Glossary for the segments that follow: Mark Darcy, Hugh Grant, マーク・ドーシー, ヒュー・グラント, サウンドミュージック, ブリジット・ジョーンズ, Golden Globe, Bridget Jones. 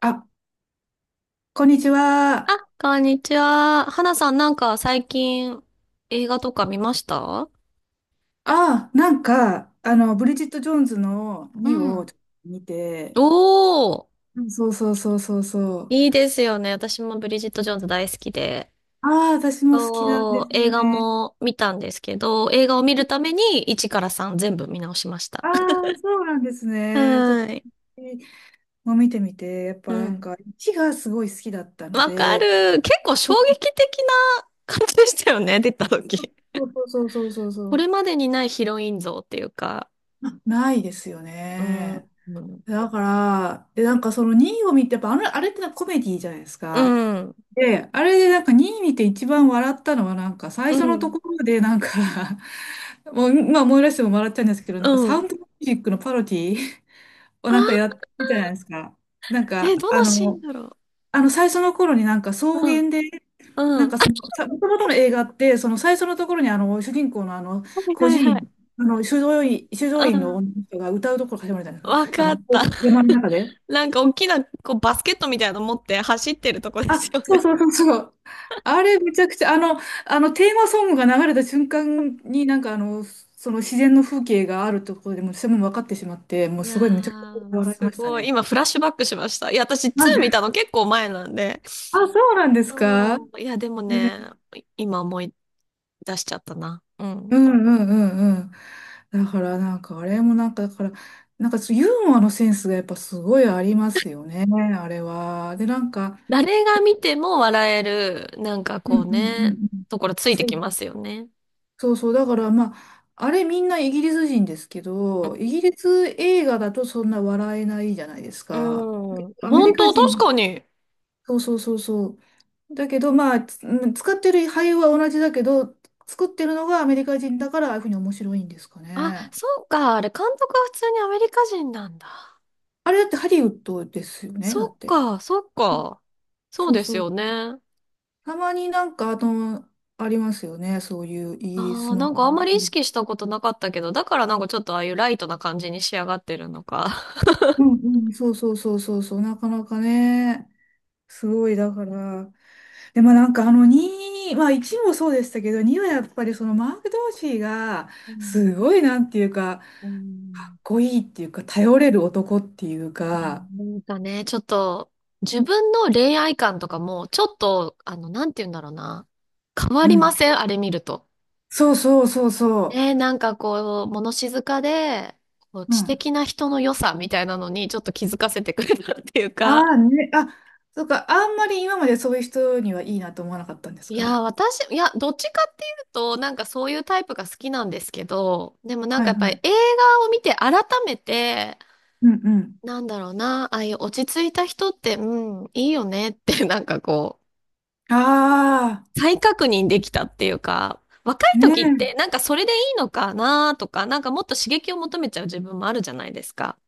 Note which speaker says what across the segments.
Speaker 1: あ、こんにち
Speaker 2: あ、
Speaker 1: は。
Speaker 2: こんにちは。花さん、最近映画とか見ました？うん
Speaker 1: ブリジット・ジョーンズの
Speaker 2: う
Speaker 1: 2を
Speaker 2: ん
Speaker 1: ちょっと見
Speaker 2: お
Speaker 1: て、
Speaker 2: ー、
Speaker 1: うんそうそうそうそうそう。
Speaker 2: いいですよね。私もブリジット・ジョーンズ大好きで。
Speaker 1: ああ、私も好きなん
Speaker 2: そ
Speaker 1: で
Speaker 2: う、
Speaker 1: す
Speaker 2: 映
Speaker 1: よ
Speaker 2: 画
Speaker 1: ね。
Speaker 2: も見たんですけど、映画を見るために1から3全部見直しました。
Speaker 1: ああ、そうなんです ね。ちょっと、
Speaker 2: はーい。
Speaker 1: もう見てみて、やっ
Speaker 2: う
Speaker 1: ぱなん
Speaker 2: ん。
Speaker 1: か、1がすごい好きだったの
Speaker 2: わか
Speaker 1: で、
Speaker 2: る。結構衝撃的な感じでしたよね、出た時。
Speaker 1: そうそうそうそうそ
Speaker 2: こ
Speaker 1: う、
Speaker 2: れまでにないヒロイン像っていうか、
Speaker 1: あないですよ
Speaker 2: う
Speaker 1: ね。
Speaker 2: ん、うん、
Speaker 1: だから、で、なんかその2を見て、やっぱ、あれってなコメディじゃないです
Speaker 2: う
Speaker 1: か。
Speaker 2: ん、
Speaker 1: で、あれでなんか2位見て一番笑ったのはなんか最初のと
Speaker 2: う
Speaker 1: ころでなんか もう、まあ思い出しても笑っちゃうんですけど、なんかサ
Speaker 2: ん。
Speaker 1: ウンドミュージックのパロディを
Speaker 2: あ
Speaker 1: なんかやっ
Speaker 2: あ、
Speaker 1: てたじゃないですか。なん
Speaker 2: え、
Speaker 1: か
Speaker 2: ど
Speaker 1: あ
Speaker 2: のシーン
Speaker 1: の、
Speaker 2: だろ
Speaker 1: あの最初の頃になんか草
Speaker 2: う。うん。
Speaker 1: 原で、
Speaker 2: うん。あ、
Speaker 1: もともとの映画って、その最初のところにあの主人公のあの
Speaker 2: はい
Speaker 1: 孤
Speaker 2: はい
Speaker 1: 児
Speaker 2: はい。
Speaker 1: 院、あの修道院、修道
Speaker 2: う
Speaker 1: 院の
Speaker 2: ん。
Speaker 1: 女の人が歌うところ始まるじゃないです
Speaker 2: わ
Speaker 1: か。あ
Speaker 2: か
Speaker 1: の、
Speaker 2: った。
Speaker 1: 山の中で。
Speaker 2: なんか大きなこうバスケットみたいなの持って走ってるとこで
Speaker 1: あ、
Speaker 2: すよ
Speaker 1: そう
Speaker 2: ね。
Speaker 1: そうそうそう。あれめちゃくちゃ、あのテーマソングが流れた瞬間にその自然の風景があるところでもうそれも分かってしまって、もう
Speaker 2: いや
Speaker 1: すごいめちゃくちゃ
Speaker 2: ー、
Speaker 1: 笑い
Speaker 2: す
Speaker 1: ました
Speaker 2: ごい。
Speaker 1: ね。
Speaker 2: 今フラッシュバックしました。いや、私2
Speaker 1: なんで
Speaker 2: 見たの結構前なんで。
Speaker 1: あ、そうなんですか
Speaker 2: そ
Speaker 1: ね
Speaker 2: う。いや、でもね、今思い出しちゃったな。うん。
Speaker 1: うんうんうんうん。だからなんかあれもなんか、だから、なんかそうユーモアのセンスがやっぱすごいありますよね、あれは。で、なんか、
Speaker 2: 誰が見ても笑える、
Speaker 1: うんう
Speaker 2: こう
Speaker 1: んうん
Speaker 2: ね、
Speaker 1: うん。
Speaker 2: ところついてきますよね。
Speaker 1: そうそう、だからまあ、あれみんなイギリス人ですけど、イギリス映画だとそんな笑えないじゃないです
Speaker 2: う
Speaker 1: か。
Speaker 2: ん。
Speaker 1: アメリ
Speaker 2: 本
Speaker 1: カ
Speaker 2: 当、確
Speaker 1: 人、
Speaker 2: かに。
Speaker 1: そうそうそうそう。だけどまあ、つうん使ってる俳優は同じだけど、作ってるのがアメリカ人だからああいうふうに面白いんですか
Speaker 2: あ、
Speaker 1: ね。
Speaker 2: そうか。あれ、監督は普通にアメリカ人なんだ。
Speaker 1: あれだってハリウッドですよね、だっ
Speaker 2: そっ
Speaker 1: て。
Speaker 2: か、そっか。そう
Speaker 1: そう
Speaker 2: です
Speaker 1: そう。
Speaker 2: よね。
Speaker 1: たまになんか、あの、ありますよね、そういうイギリ
Speaker 2: あ
Speaker 1: ス
Speaker 2: あ、
Speaker 1: の話。
Speaker 2: あんまり意識したことなかったけど、だからちょっとああいうライトな感じに仕上がってるのか。
Speaker 1: うんうん、そうそうそうそうそう、なかなかね、すごいだから。でもなんかあの2、まあ1もそうでしたけど、2はやっぱりそのマーク・ドーシーが、
Speaker 2: うん、
Speaker 1: すごいなんていうか、
Speaker 2: う
Speaker 1: か
Speaker 2: ん、
Speaker 1: っこいいっていうか、頼れる男っていう
Speaker 2: いや、
Speaker 1: か、
Speaker 2: ちょっと、自分の恋愛観とかも、ちょっと、なんて言うんだろうな。変わ
Speaker 1: う
Speaker 2: りま
Speaker 1: ん。
Speaker 2: せんあれ見ると。
Speaker 1: そうそうそうそ
Speaker 2: なんかこう、物静かで、こう
Speaker 1: う。う
Speaker 2: 知
Speaker 1: ん。
Speaker 2: 的な人の良さみたいなのに、ちょっと気づかせてくれたっていう
Speaker 1: あ
Speaker 2: か。
Speaker 1: あね、あ、そうか、あんまり今までそういう人にはいいなと思わなかったんです
Speaker 2: いや
Speaker 1: か
Speaker 2: ー、私、いや、どっちかっていうと、そういうタイプが好きなんですけど、でも
Speaker 1: はい
Speaker 2: やっぱり
Speaker 1: はい。
Speaker 2: 映画を見て改めて、
Speaker 1: うんうん。
Speaker 2: なんだろうな、ああいう落ち着いた人って、うん、いいよねって、なんかこ
Speaker 1: ああ、
Speaker 2: う、再確認できたっていうか、若い
Speaker 1: ね
Speaker 2: 時って
Speaker 1: え。
Speaker 2: なんかそれでいいのかなとか、なんかもっと刺激を求めちゃう自分もあるじゃないですか。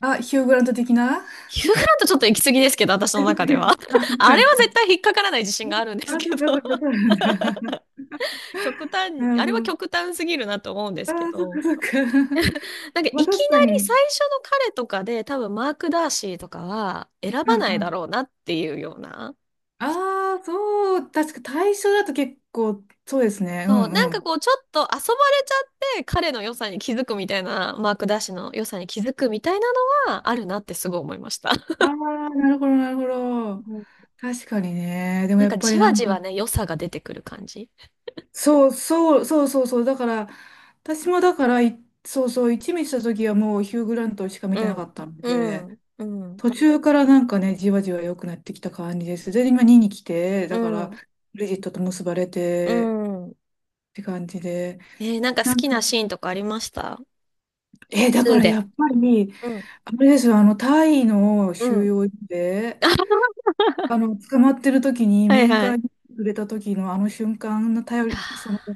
Speaker 1: あ、ヒュー・グラント的なあ、
Speaker 2: ヒューガラントちょっと行き過ぎですけど、私の中では。
Speaker 1: そ
Speaker 2: あ
Speaker 1: う
Speaker 2: れ
Speaker 1: です
Speaker 2: は
Speaker 1: か。
Speaker 2: 絶対引っかからない自信があるんで
Speaker 1: あ、
Speaker 2: す
Speaker 1: そ
Speaker 2: けど、
Speaker 1: っかそっか、そう なんだ。
Speaker 2: 極端、
Speaker 1: なる
Speaker 2: あれ
Speaker 1: ほ
Speaker 2: は極
Speaker 1: ど。
Speaker 2: 端すぎるなと思うんで
Speaker 1: あ、
Speaker 2: すけ
Speaker 1: そっ
Speaker 2: ど。
Speaker 1: かそっか。まあ
Speaker 2: いきな
Speaker 1: 確か
Speaker 2: り
Speaker 1: に。
Speaker 2: 最初の彼とかで多分マーク・ダーシーとかは選
Speaker 1: うん
Speaker 2: ばない
Speaker 1: う
Speaker 2: だ
Speaker 1: ん。
Speaker 2: ろうなっていうような。
Speaker 1: ああ、そう、確か対象だと結構、そうですね。う
Speaker 2: そう、な
Speaker 1: ん
Speaker 2: ん
Speaker 1: う
Speaker 2: か
Speaker 1: ん。
Speaker 2: こうちょっと遊ばれちゃって彼の良さに気づくみたいな、マーク・ダーシーの良さに気づくみたいなのはあるなってすごい思いました。
Speaker 1: ああ、なるほど、なるほど。
Speaker 2: うん、
Speaker 1: 確かにね。で も
Speaker 2: なん
Speaker 1: やっ
Speaker 2: か
Speaker 1: ぱ
Speaker 2: じ
Speaker 1: りな
Speaker 2: わ
Speaker 1: ん
Speaker 2: じ
Speaker 1: か、
Speaker 2: わね、良さが出てくる感じ。
Speaker 1: そうそう、そうそうそう。だから、私もだから、そうそう、一味した時はもうヒュー・グラントしか見
Speaker 2: う
Speaker 1: てなか
Speaker 2: ん。
Speaker 1: ったん
Speaker 2: う
Speaker 1: で、
Speaker 2: ん。うん。
Speaker 1: 途中からなんかね、じわじわ良くなってきた感じです。で、今2に来て、
Speaker 2: う
Speaker 1: だから、
Speaker 2: ん。
Speaker 1: ブリジットと結ばれ
Speaker 2: う
Speaker 1: て
Speaker 2: ん。
Speaker 1: って感じで。
Speaker 2: えー、なんか好
Speaker 1: なん
Speaker 2: き
Speaker 1: か
Speaker 2: なシーンとかありました？
Speaker 1: えーだ
Speaker 2: ス
Speaker 1: か
Speaker 2: ー
Speaker 1: らや
Speaker 2: で。
Speaker 1: っぱり、
Speaker 2: うん。
Speaker 1: あれですよ、あの、タイの
Speaker 2: う
Speaker 1: 収
Speaker 2: ん。
Speaker 1: 容所で、あの、捕まってる時に
Speaker 2: はい
Speaker 1: 面
Speaker 2: はい。
Speaker 1: 会
Speaker 2: い
Speaker 1: に来れた時のあの瞬間の頼
Speaker 2: や
Speaker 1: り、その、
Speaker 2: ー、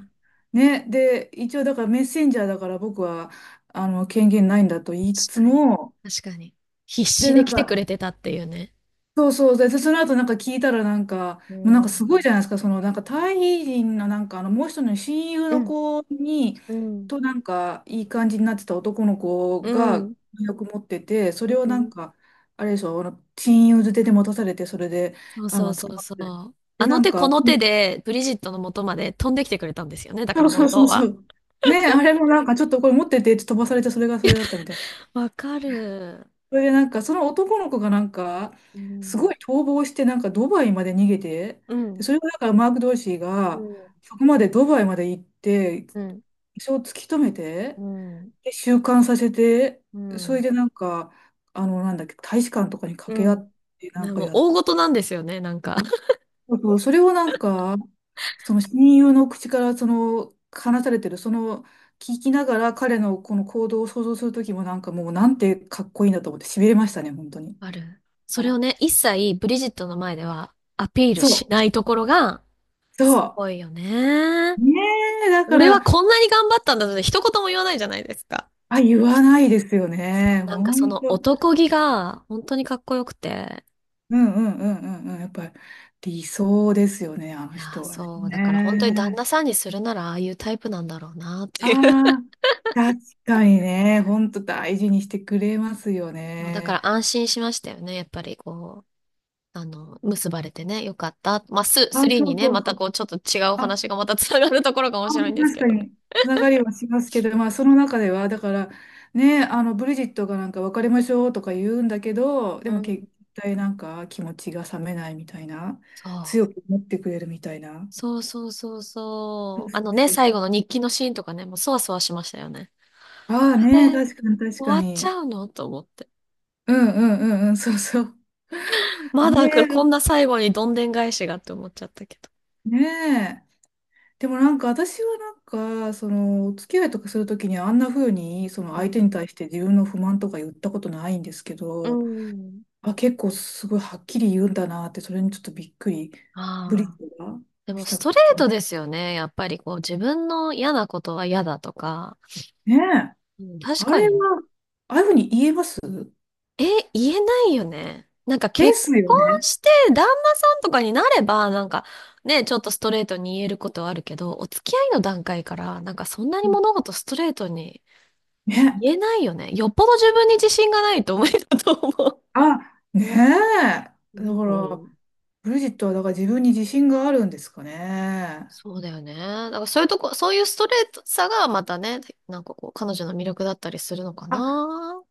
Speaker 1: ね、で、一応だからメッセンジャーだから僕は、あの、権限ないんだと言いつ
Speaker 2: 確
Speaker 1: つ
Speaker 2: かに。
Speaker 1: も、
Speaker 2: 確かに。必
Speaker 1: で、
Speaker 2: 死
Speaker 1: な
Speaker 2: で
Speaker 1: ん
Speaker 2: 来てく
Speaker 1: か、
Speaker 2: れてたっていうね。
Speaker 1: そうそう。で、その後なんか聞いたらなんか、
Speaker 2: う
Speaker 1: もうなんかすごいじ
Speaker 2: ん。
Speaker 1: ゃないですか。そのなんかタイ人のなんかあのもう一人の親友
Speaker 2: う
Speaker 1: の
Speaker 2: ん。
Speaker 1: 子に、
Speaker 2: うん。
Speaker 1: となんかいい感じになってた男の子
Speaker 2: う
Speaker 1: が
Speaker 2: ん。
Speaker 1: よく持ってて、そ
Speaker 2: う
Speaker 1: れをなん
Speaker 2: ん。
Speaker 1: か、あれでしょ、あの親友づてで持たされて、それで、
Speaker 2: そう
Speaker 1: あ
Speaker 2: そう
Speaker 1: の、
Speaker 2: そ
Speaker 1: 捕
Speaker 2: う
Speaker 1: まっ
Speaker 2: そ
Speaker 1: て。
Speaker 2: う。あ
Speaker 1: で、な
Speaker 2: の
Speaker 1: ん
Speaker 2: 手
Speaker 1: か、
Speaker 2: この手でブリジットの元まで飛んできてくれたんですよね。だか
Speaker 1: そ
Speaker 2: ら
Speaker 1: うそ
Speaker 2: 本
Speaker 1: うそ
Speaker 2: 当
Speaker 1: うそ
Speaker 2: は。
Speaker 1: う。ね、あれもなんかちょっとこれ持っててって飛ばされて、それがそれだったみたいな。
Speaker 2: わかる。
Speaker 1: それでなんか、その男の子がなんか、
Speaker 2: う
Speaker 1: すご
Speaker 2: ん。
Speaker 1: い逃亡して、なんかドバイまで逃げて、
Speaker 2: う
Speaker 1: で
Speaker 2: ん。
Speaker 1: それをだからマーク・ドーシー
Speaker 2: う
Speaker 1: が、
Speaker 2: ん。
Speaker 1: そこまでドバイまで行って、
Speaker 2: うん。
Speaker 1: 一応突き止め
Speaker 2: う
Speaker 1: て、
Speaker 2: ん。
Speaker 1: で、収監させて、
Speaker 2: う
Speaker 1: それ
Speaker 2: ん。
Speaker 1: でなんか、あの、なんだっけ、大使館とかに掛
Speaker 2: う
Speaker 1: け合
Speaker 2: ん
Speaker 1: って、なん
Speaker 2: な、
Speaker 1: か
Speaker 2: もう
Speaker 1: やっ
Speaker 2: 大事なんですよね、なんか。
Speaker 1: そうそれをなんか、その親友の口から、その、話されてる、その、聞きながら彼のこの行動を想像するときもなんかもうなんてかっこいいんだと思って、痺れましたね、本当に。
Speaker 2: ある。それをね、一切ブリジットの前ではアピール
Speaker 1: そ
Speaker 2: し
Speaker 1: う、
Speaker 2: ないところが、
Speaker 1: そ
Speaker 2: す
Speaker 1: う。
Speaker 2: ごいよね。
Speaker 1: ねだか
Speaker 2: 俺は
Speaker 1: ら、
Speaker 2: こんなに頑張ったんだって一言も言わないじゃないですか。
Speaker 1: あ、言わないですよ
Speaker 2: そう、
Speaker 1: ね。
Speaker 2: なんか
Speaker 1: ほ
Speaker 2: そ
Speaker 1: ん
Speaker 2: の
Speaker 1: と。
Speaker 2: 男気が本当にかっこよくて。
Speaker 1: うんうんうんうんうん。やっぱり理想ですよね、あの
Speaker 2: いやー、
Speaker 1: 人はね。
Speaker 2: そう、だから本当に旦
Speaker 1: ね
Speaker 2: 那さんにするならああいうタイプなんだろうなっていう。
Speaker 1: あ あ、確かにね。ほんと大事にしてくれますよ
Speaker 2: だか
Speaker 1: ね。
Speaker 2: ら安心しましたよね。やっぱりこう、あの、結ばれてね、よかった。まあ、ス、
Speaker 1: あ、
Speaker 2: 3
Speaker 1: そ
Speaker 2: に
Speaker 1: う
Speaker 2: ね、
Speaker 1: そう
Speaker 2: ま
Speaker 1: そ
Speaker 2: たこ
Speaker 1: う。
Speaker 2: うちょっと違うお話がまたつながるところが
Speaker 1: あ
Speaker 2: 面白いんです
Speaker 1: 確
Speaker 2: け
Speaker 1: か
Speaker 2: どね。
Speaker 1: に、つながりはしますけど、まあ、その中では、だから、ね、あの、ブリジットがなんか別れましょうとか言うんだけど、で
Speaker 2: う
Speaker 1: も
Speaker 2: ん。
Speaker 1: 結対なんか気持ちが冷めないみたいな、
Speaker 2: そう。
Speaker 1: 強く思ってくれるみたいな。
Speaker 2: そうそうそう
Speaker 1: そ
Speaker 2: そ
Speaker 1: う
Speaker 2: う。
Speaker 1: そ
Speaker 2: あの
Speaker 1: う
Speaker 2: ね、
Speaker 1: そうそ
Speaker 2: 最
Speaker 1: う。
Speaker 2: 後の日記のシーンとかね、もうそわそわしましたよね。こ
Speaker 1: ああ
Speaker 2: れ
Speaker 1: ね、
Speaker 2: で
Speaker 1: 確かに確か
Speaker 2: 終わっち
Speaker 1: に。
Speaker 2: ゃうのと思って。
Speaker 1: うんうんうんうん、そうそう。
Speaker 2: まだこん
Speaker 1: ね
Speaker 2: な最後にどんでん返しがって思っちゃったけど。
Speaker 1: え、ねえ。でもなんか私はなんか、その、お付き合いとかするときにあんな風に、その
Speaker 2: う
Speaker 1: 相手に
Speaker 2: ん。
Speaker 1: 対して自分の不満とか言ったことないんですけ
Speaker 2: ど。う
Speaker 1: ど、
Speaker 2: ん。
Speaker 1: あ、結構すごいはっきり言うんだなって、それにちょっとびっくり、ブリッ
Speaker 2: あ
Speaker 1: ジ
Speaker 2: あ。
Speaker 1: が
Speaker 2: でも
Speaker 1: し
Speaker 2: ス
Speaker 1: たか
Speaker 2: トレー
Speaker 1: も
Speaker 2: ト
Speaker 1: ね。
Speaker 2: ですよね。やっぱりこう自分の嫌なことは嫌だとか。
Speaker 1: ねえ、
Speaker 2: うん、確
Speaker 1: あ
Speaker 2: か
Speaker 1: れ
Speaker 2: に。
Speaker 1: は、ああいうふうに言えます
Speaker 2: え、言えないよね。なんか
Speaker 1: で
Speaker 2: 結
Speaker 1: すよ
Speaker 2: 婚
Speaker 1: ね。
Speaker 2: して旦那さんとかになれば、なんかね、ちょっとストレートに言えることはあるけど、お付き合いの段階から、なんかそんな
Speaker 1: う
Speaker 2: に
Speaker 1: ん
Speaker 2: 物事ストレートに
Speaker 1: ね、
Speaker 2: 言えないよね。よっぽど自分に自信がないと無理だと思
Speaker 1: あ、ね
Speaker 2: う。
Speaker 1: え。だ
Speaker 2: う
Speaker 1: から、
Speaker 2: ん。
Speaker 1: ブリジットはだから自分に自信があるんですかね。
Speaker 2: そうだよね。だからそういうとこ、そういうストレートさがまたね、なんかこう、彼女の魅力だったりするのか
Speaker 1: あ、
Speaker 2: な。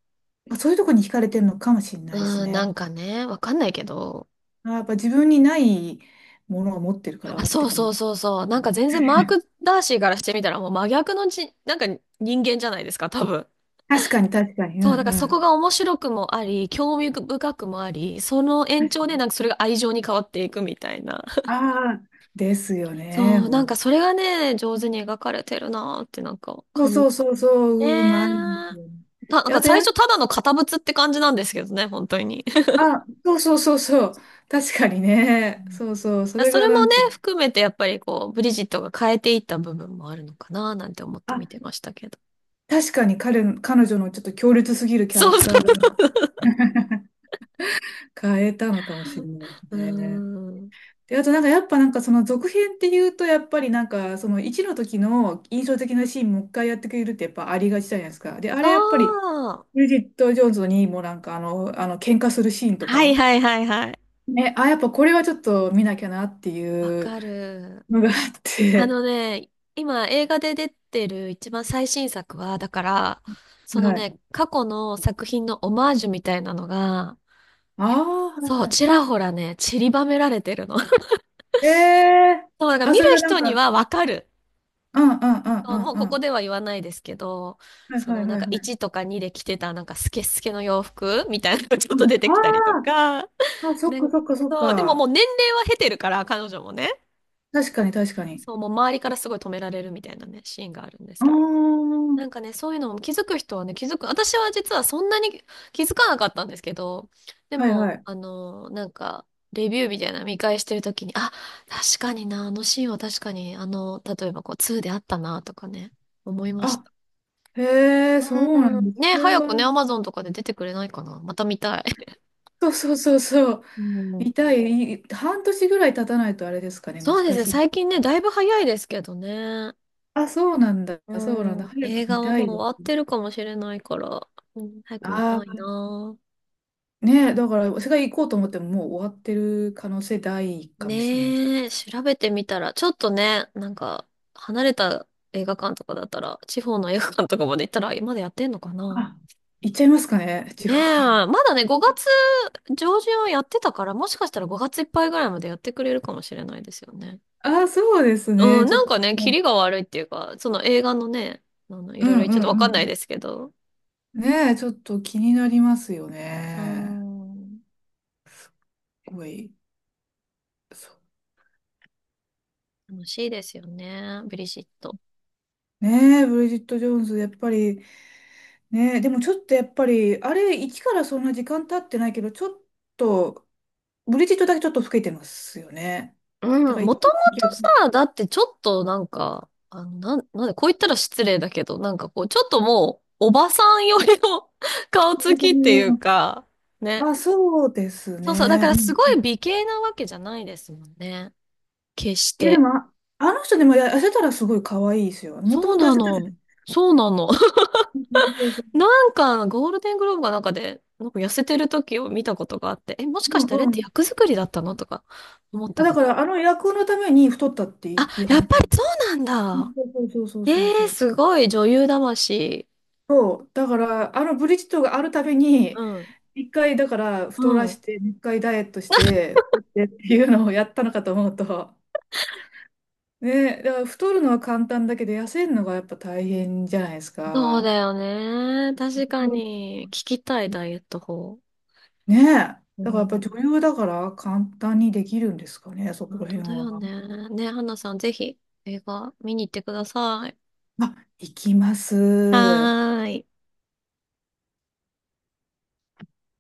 Speaker 1: そういうとこに惹かれてるのかもしれないです
Speaker 2: うん、な
Speaker 1: ね。
Speaker 2: んかね、わかんないけど。
Speaker 1: あ、やっぱ自分にないものを持ってるか
Speaker 2: あ、
Speaker 1: らっ
Speaker 2: そ
Speaker 1: て
Speaker 2: う
Speaker 1: か
Speaker 2: そ
Speaker 1: も。
Speaker 2: うそうそう。なんか全然マーク・ ダーシーからしてみたらもう真逆のじ、なんか人間じゃないですか、多分。
Speaker 1: 確かに確かに、う
Speaker 2: そう、だか
Speaker 1: ん
Speaker 2: ら
Speaker 1: う
Speaker 2: そこ
Speaker 1: ん。
Speaker 2: が面白くもあり、興味深くもあり、その延長でなんかそれが愛情に変わっていくみたいな。
Speaker 1: ああ、ですよ
Speaker 2: そ
Speaker 1: ね。
Speaker 2: う、なんかそれがね、上手に描かれてるなーってなんか、
Speaker 1: そ
Speaker 2: か
Speaker 1: う
Speaker 2: ん、ね
Speaker 1: そうそうそう、うまいです
Speaker 2: ー、
Speaker 1: よ。
Speaker 2: た、なん
Speaker 1: で
Speaker 2: か
Speaker 1: あとや、
Speaker 2: 最初ただの堅物って感じなんですけどね、本当に。
Speaker 1: あ、そうそうそうそう、確かに
Speaker 2: う
Speaker 1: ね、
Speaker 2: ん、
Speaker 1: そうそう、それ
Speaker 2: そ
Speaker 1: が
Speaker 2: れ
Speaker 1: な
Speaker 2: もね、
Speaker 1: んか、
Speaker 2: 含めてやっぱりこう、ブリジットが変えていった部分もあるのかなーなんて思って見
Speaker 1: あ、
Speaker 2: てましたけど。
Speaker 1: 確かに彼女のちょっと強烈すぎる キャ
Speaker 2: そ
Speaker 1: ラ
Speaker 2: う
Speaker 1: ク
Speaker 2: そ
Speaker 1: ターが 変えたのかもしれないで
Speaker 2: う。う
Speaker 1: すね。
Speaker 2: ーん。
Speaker 1: で、あとなんかやっぱなんかその続編っていうと、やっぱりなんかその1の時の印象的なシーンもう一回やってくれるってやっぱありがちじゃないですか。で、あ
Speaker 2: あ
Speaker 1: れやっぱり、
Speaker 2: あ。
Speaker 1: ブリジット・ジョーンズにもなんかあの、あの喧嘩するシーンと
Speaker 2: はい
Speaker 1: か、
Speaker 2: はいはいはい。
Speaker 1: ね、あ、やっぱこれはちょっと見なきゃなって
Speaker 2: わ
Speaker 1: いう
Speaker 2: かる。
Speaker 1: のがあっ
Speaker 2: あ
Speaker 1: て、
Speaker 2: のね、今映画で出てる一番最新作は、だから、そ の
Speaker 1: はい。
Speaker 2: ね、過去の作品のオマージュみたいなのが、
Speaker 1: ああ、はい
Speaker 2: そう、
Speaker 1: はい。
Speaker 2: ちらほらね、散りばめられてるの。
Speaker 1: ええ
Speaker 2: そう、だから
Speaker 1: あ、
Speaker 2: 見る
Speaker 1: それはなん
Speaker 2: 人に
Speaker 1: か、
Speaker 2: はわかる。
Speaker 1: うんうんう
Speaker 2: そう
Speaker 1: ん
Speaker 2: もう
Speaker 1: う
Speaker 2: こ
Speaker 1: んう
Speaker 2: こ
Speaker 1: ん。
Speaker 2: では言わないですけど、
Speaker 1: はい
Speaker 2: そ
Speaker 1: は
Speaker 2: の
Speaker 1: い
Speaker 2: なん
Speaker 1: はい
Speaker 2: か
Speaker 1: は
Speaker 2: 1
Speaker 1: い。
Speaker 2: とか2で着てたなんかスケスケの洋服みたいなのがちょっ
Speaker 1: は
Speaker 2: と
Speaker 1: い
Speaker 2: 出てきたりと
Speaker 1: あ
Speaker 2: か、
Speaker 1: あーあ、そっか
Speaker 2: ね、
Speaker 1: そっかそっ
Speaker 2: そう、でもも
Speaker 1: か。
Speaker 2: う年齢は経てるから、彼女もね、
Speaker 1: 確かに確かに。
Speaker 2: そう、もう周りからすごい止められるみたいなね、シーンがあるんです
Speaker 1: ああ、
Speaker 2: けど。
Speaker 1: は
Speaker 2: なんかね、そういうのも気づく人はね、気づく。私は実はそんなに気づかなかったんですけど、で
Speaker 1: い
Speaker 2: も、
Speaker 1: はい。
Speaker 2: あの、なんか、レビューみたいなの見返してるときに、あ、確かにな、あのシーンは確かに、あの、例えばこう、2であったな、とかね、思いまし
Speaker 1: あ、
Speaker 2: た。
Speaker 1: へえ、そ
Speaker 2: う
Speaker 1: うなん
Speaker 2: ん。
Speaker 1: です。そ
Speaker 2: ね、
Speaker 1: れ
Speaker 2: 早
Speaker 1: は、
Speaker 2: くね、アマゾンとかで出てくれないかな。また見たい。
Speaker 1: そうそうそうそう。
Speaker 2: うん。
Speaker 1: 痛い、い半年ぐらい経たないとあれですかね、難
Speaker 2: そうですね、
Speaker 1: しい。
Speaker 2: 最近ね、だいぶ早いですけどね。
Speaker 1: あ、そうなんだ、
Speaker 2: う
Speaker 1: そうなんだ。
Speaker 2: ん。
Speaker 1: 早く
Speaker 2: 映
Speaker 1: 見
Speaker 2: 画は
Speaker 1: た
Speaker 2: もう
Speaker 1: いです。
Speaker 2: 終わってるかもしれないから、うん、早く見たい
Speaker 1: あ
Speaker 2: な。
Speaker 1: ねえ、だから世界行こうと思ってももう終わってる可能性大かもしれないです。
Speaker 2: ねえ、調べてみたら、ちょっとね、なんか、離れた映画館とかだったら、地方の映画館とかまで行ったら、まだやってんのかな。
Speaker 1: あ、行っちゃいますかね、地
Speaker 2: ね
Speaker 1: 方
Speaker 2: え、
Speaker 1: は。
Speaker 2: まだね、5月上旬はやってたから、もしかしたら5月いっぱいぐらいまでやってくれるかもしれないですよね。
Speaker 1: ああ、そうです
Speaker 2: う
Speaker 1: ね。
Speaker 2: ん、
Speaker 1: ちょっ
Speaker 2: なん
Speaker 1: と、
Speaker 2: かね、
Speaker 1: う
Speaker 2: キ
Speaker 1: ん
Speaker 2: リが悪いっていうか、その映画のね、あの、い
Speaker 1: う
Speaker 2: ろい
Speaker 1: ん
Speaker 2: ろちょっとわ
Speaker 1: う
Speaker 2: かんない
Speaker 1: ん。
Speaker 2: ですけど、
Speaker 1: ねえ、ちょっと気になりますよ
Speaker 2: うー
Speaker 1: ね。
Speaker 2: ん、
Speaker 1: すごい。そう
Speaker 2: 楽しいですよね、ブリシット。
Speaker 1: ねえ、ブリジット・ジョーンズ、やっぱり、ねえ、でもちょっとやっぱり、あれ、1からそんな時間経ってないけど、ちょっと、ブリジットだけちょっと老けてますよね。
Speaker 2: う
Speaker 1: だ
Speaker 2: ん、も
Speaker 1: か
Speaker 2: と
Speaker 1: ら
Speaker 2: も
Speaker 1: 一
Speaker 2: と
Speaker 1: 時期は、
Speaker 2: さ、だってちょっとなんか、あの、なん、なんで、こう言ったら失礼だけど、なんかこう、ちょっともう、おばさんよりの 顔つきっていうか、ね。
Speaker 1: あ、そうです
Speaker 2: そうそう、だか
Speaker 1: ね。
Speaker 2: ら
Speaker 1: う
Speaker 2: す
Speaker 1: ん
Speaker 2: ごい美形なわけじゃないですもんね。決し
Speaker 1: いや、で
Speaker 2: て。
Speaker 1: も、ああの人でもや痩せたらすごい可愛いですよ。もと
Speaker 2: そう
Speaker 1: もと痩
Speaker 2: な
Speaker 1: せてたじゃ
Speaker 2: の。
Speaker 1: ん。
Speaker 2: そうなの。
Speaker 1: うんうんそうそ
Speaker 2: なんか、ゴールデングローブかなんかで、なんか痩せてる時を見たことがあって、え、もしか
Speaker 1: う。う
Speaker 2: してあれっ
Speaker 1: んう
Speaker 2: て
Speaker 1: ん。
Speaker 2: 役作りだったのとか思った
Speaker 1: あ、だ
Speaker 2: こ
Speaker 1: か
Speaker 2: と。
Speaker 1: ら、あの役のために太ったって
Speaker 2: あ、
Speaker 1: いう
Speaker 2: やっ
Speaker 1: 話。
Speaker 2: ぱりそうなん
Speaker 1: うん
Speaker 2: だ。
Speaker 1: そうそう
Speaker 2: え
Speaker 1: そうそう
Speaker 2: ー、
Speaker 1: そう。
Speaker 2: すごい女優魂。
Speaker 1: そうだから、あのブリヂットがあるたび
Speaker 2: う
Speaker 1: に、
Speaker 2: ん。
Speaker 1: 一回、だから、
Speaker 2: う
Speaker 1: 太ら
Speaker 2: ん。
Speaker 1: して、一回ダイエットして、太ってっていうのをやったのかと思うと、ね、だから太るのは簡単だけど、痩せるのがやっぱ大変じゃないです
Speaker 2: そう
Speaker 1: か。
Speaker 2: だよね。確か
Speaker 1: うん
Speaker 2: に。聞きたいダイエット法。
Speaker 1: ねえ。
Speaker 2: う
Speaker 1: だからやっぱり
Speaker 2: ん。
Speaker 1: 女優だから簡単にできるんですかね、そこら
Speaker 2: 本当
Speaker 1: 辺
Speaker 2: だよ
Speaker 1: は。
Speaker 2: ね。ね、花さん、ぜひ映画見に行ってください。
Speaker 1: あ、行きます。
Speaker 2: はーい。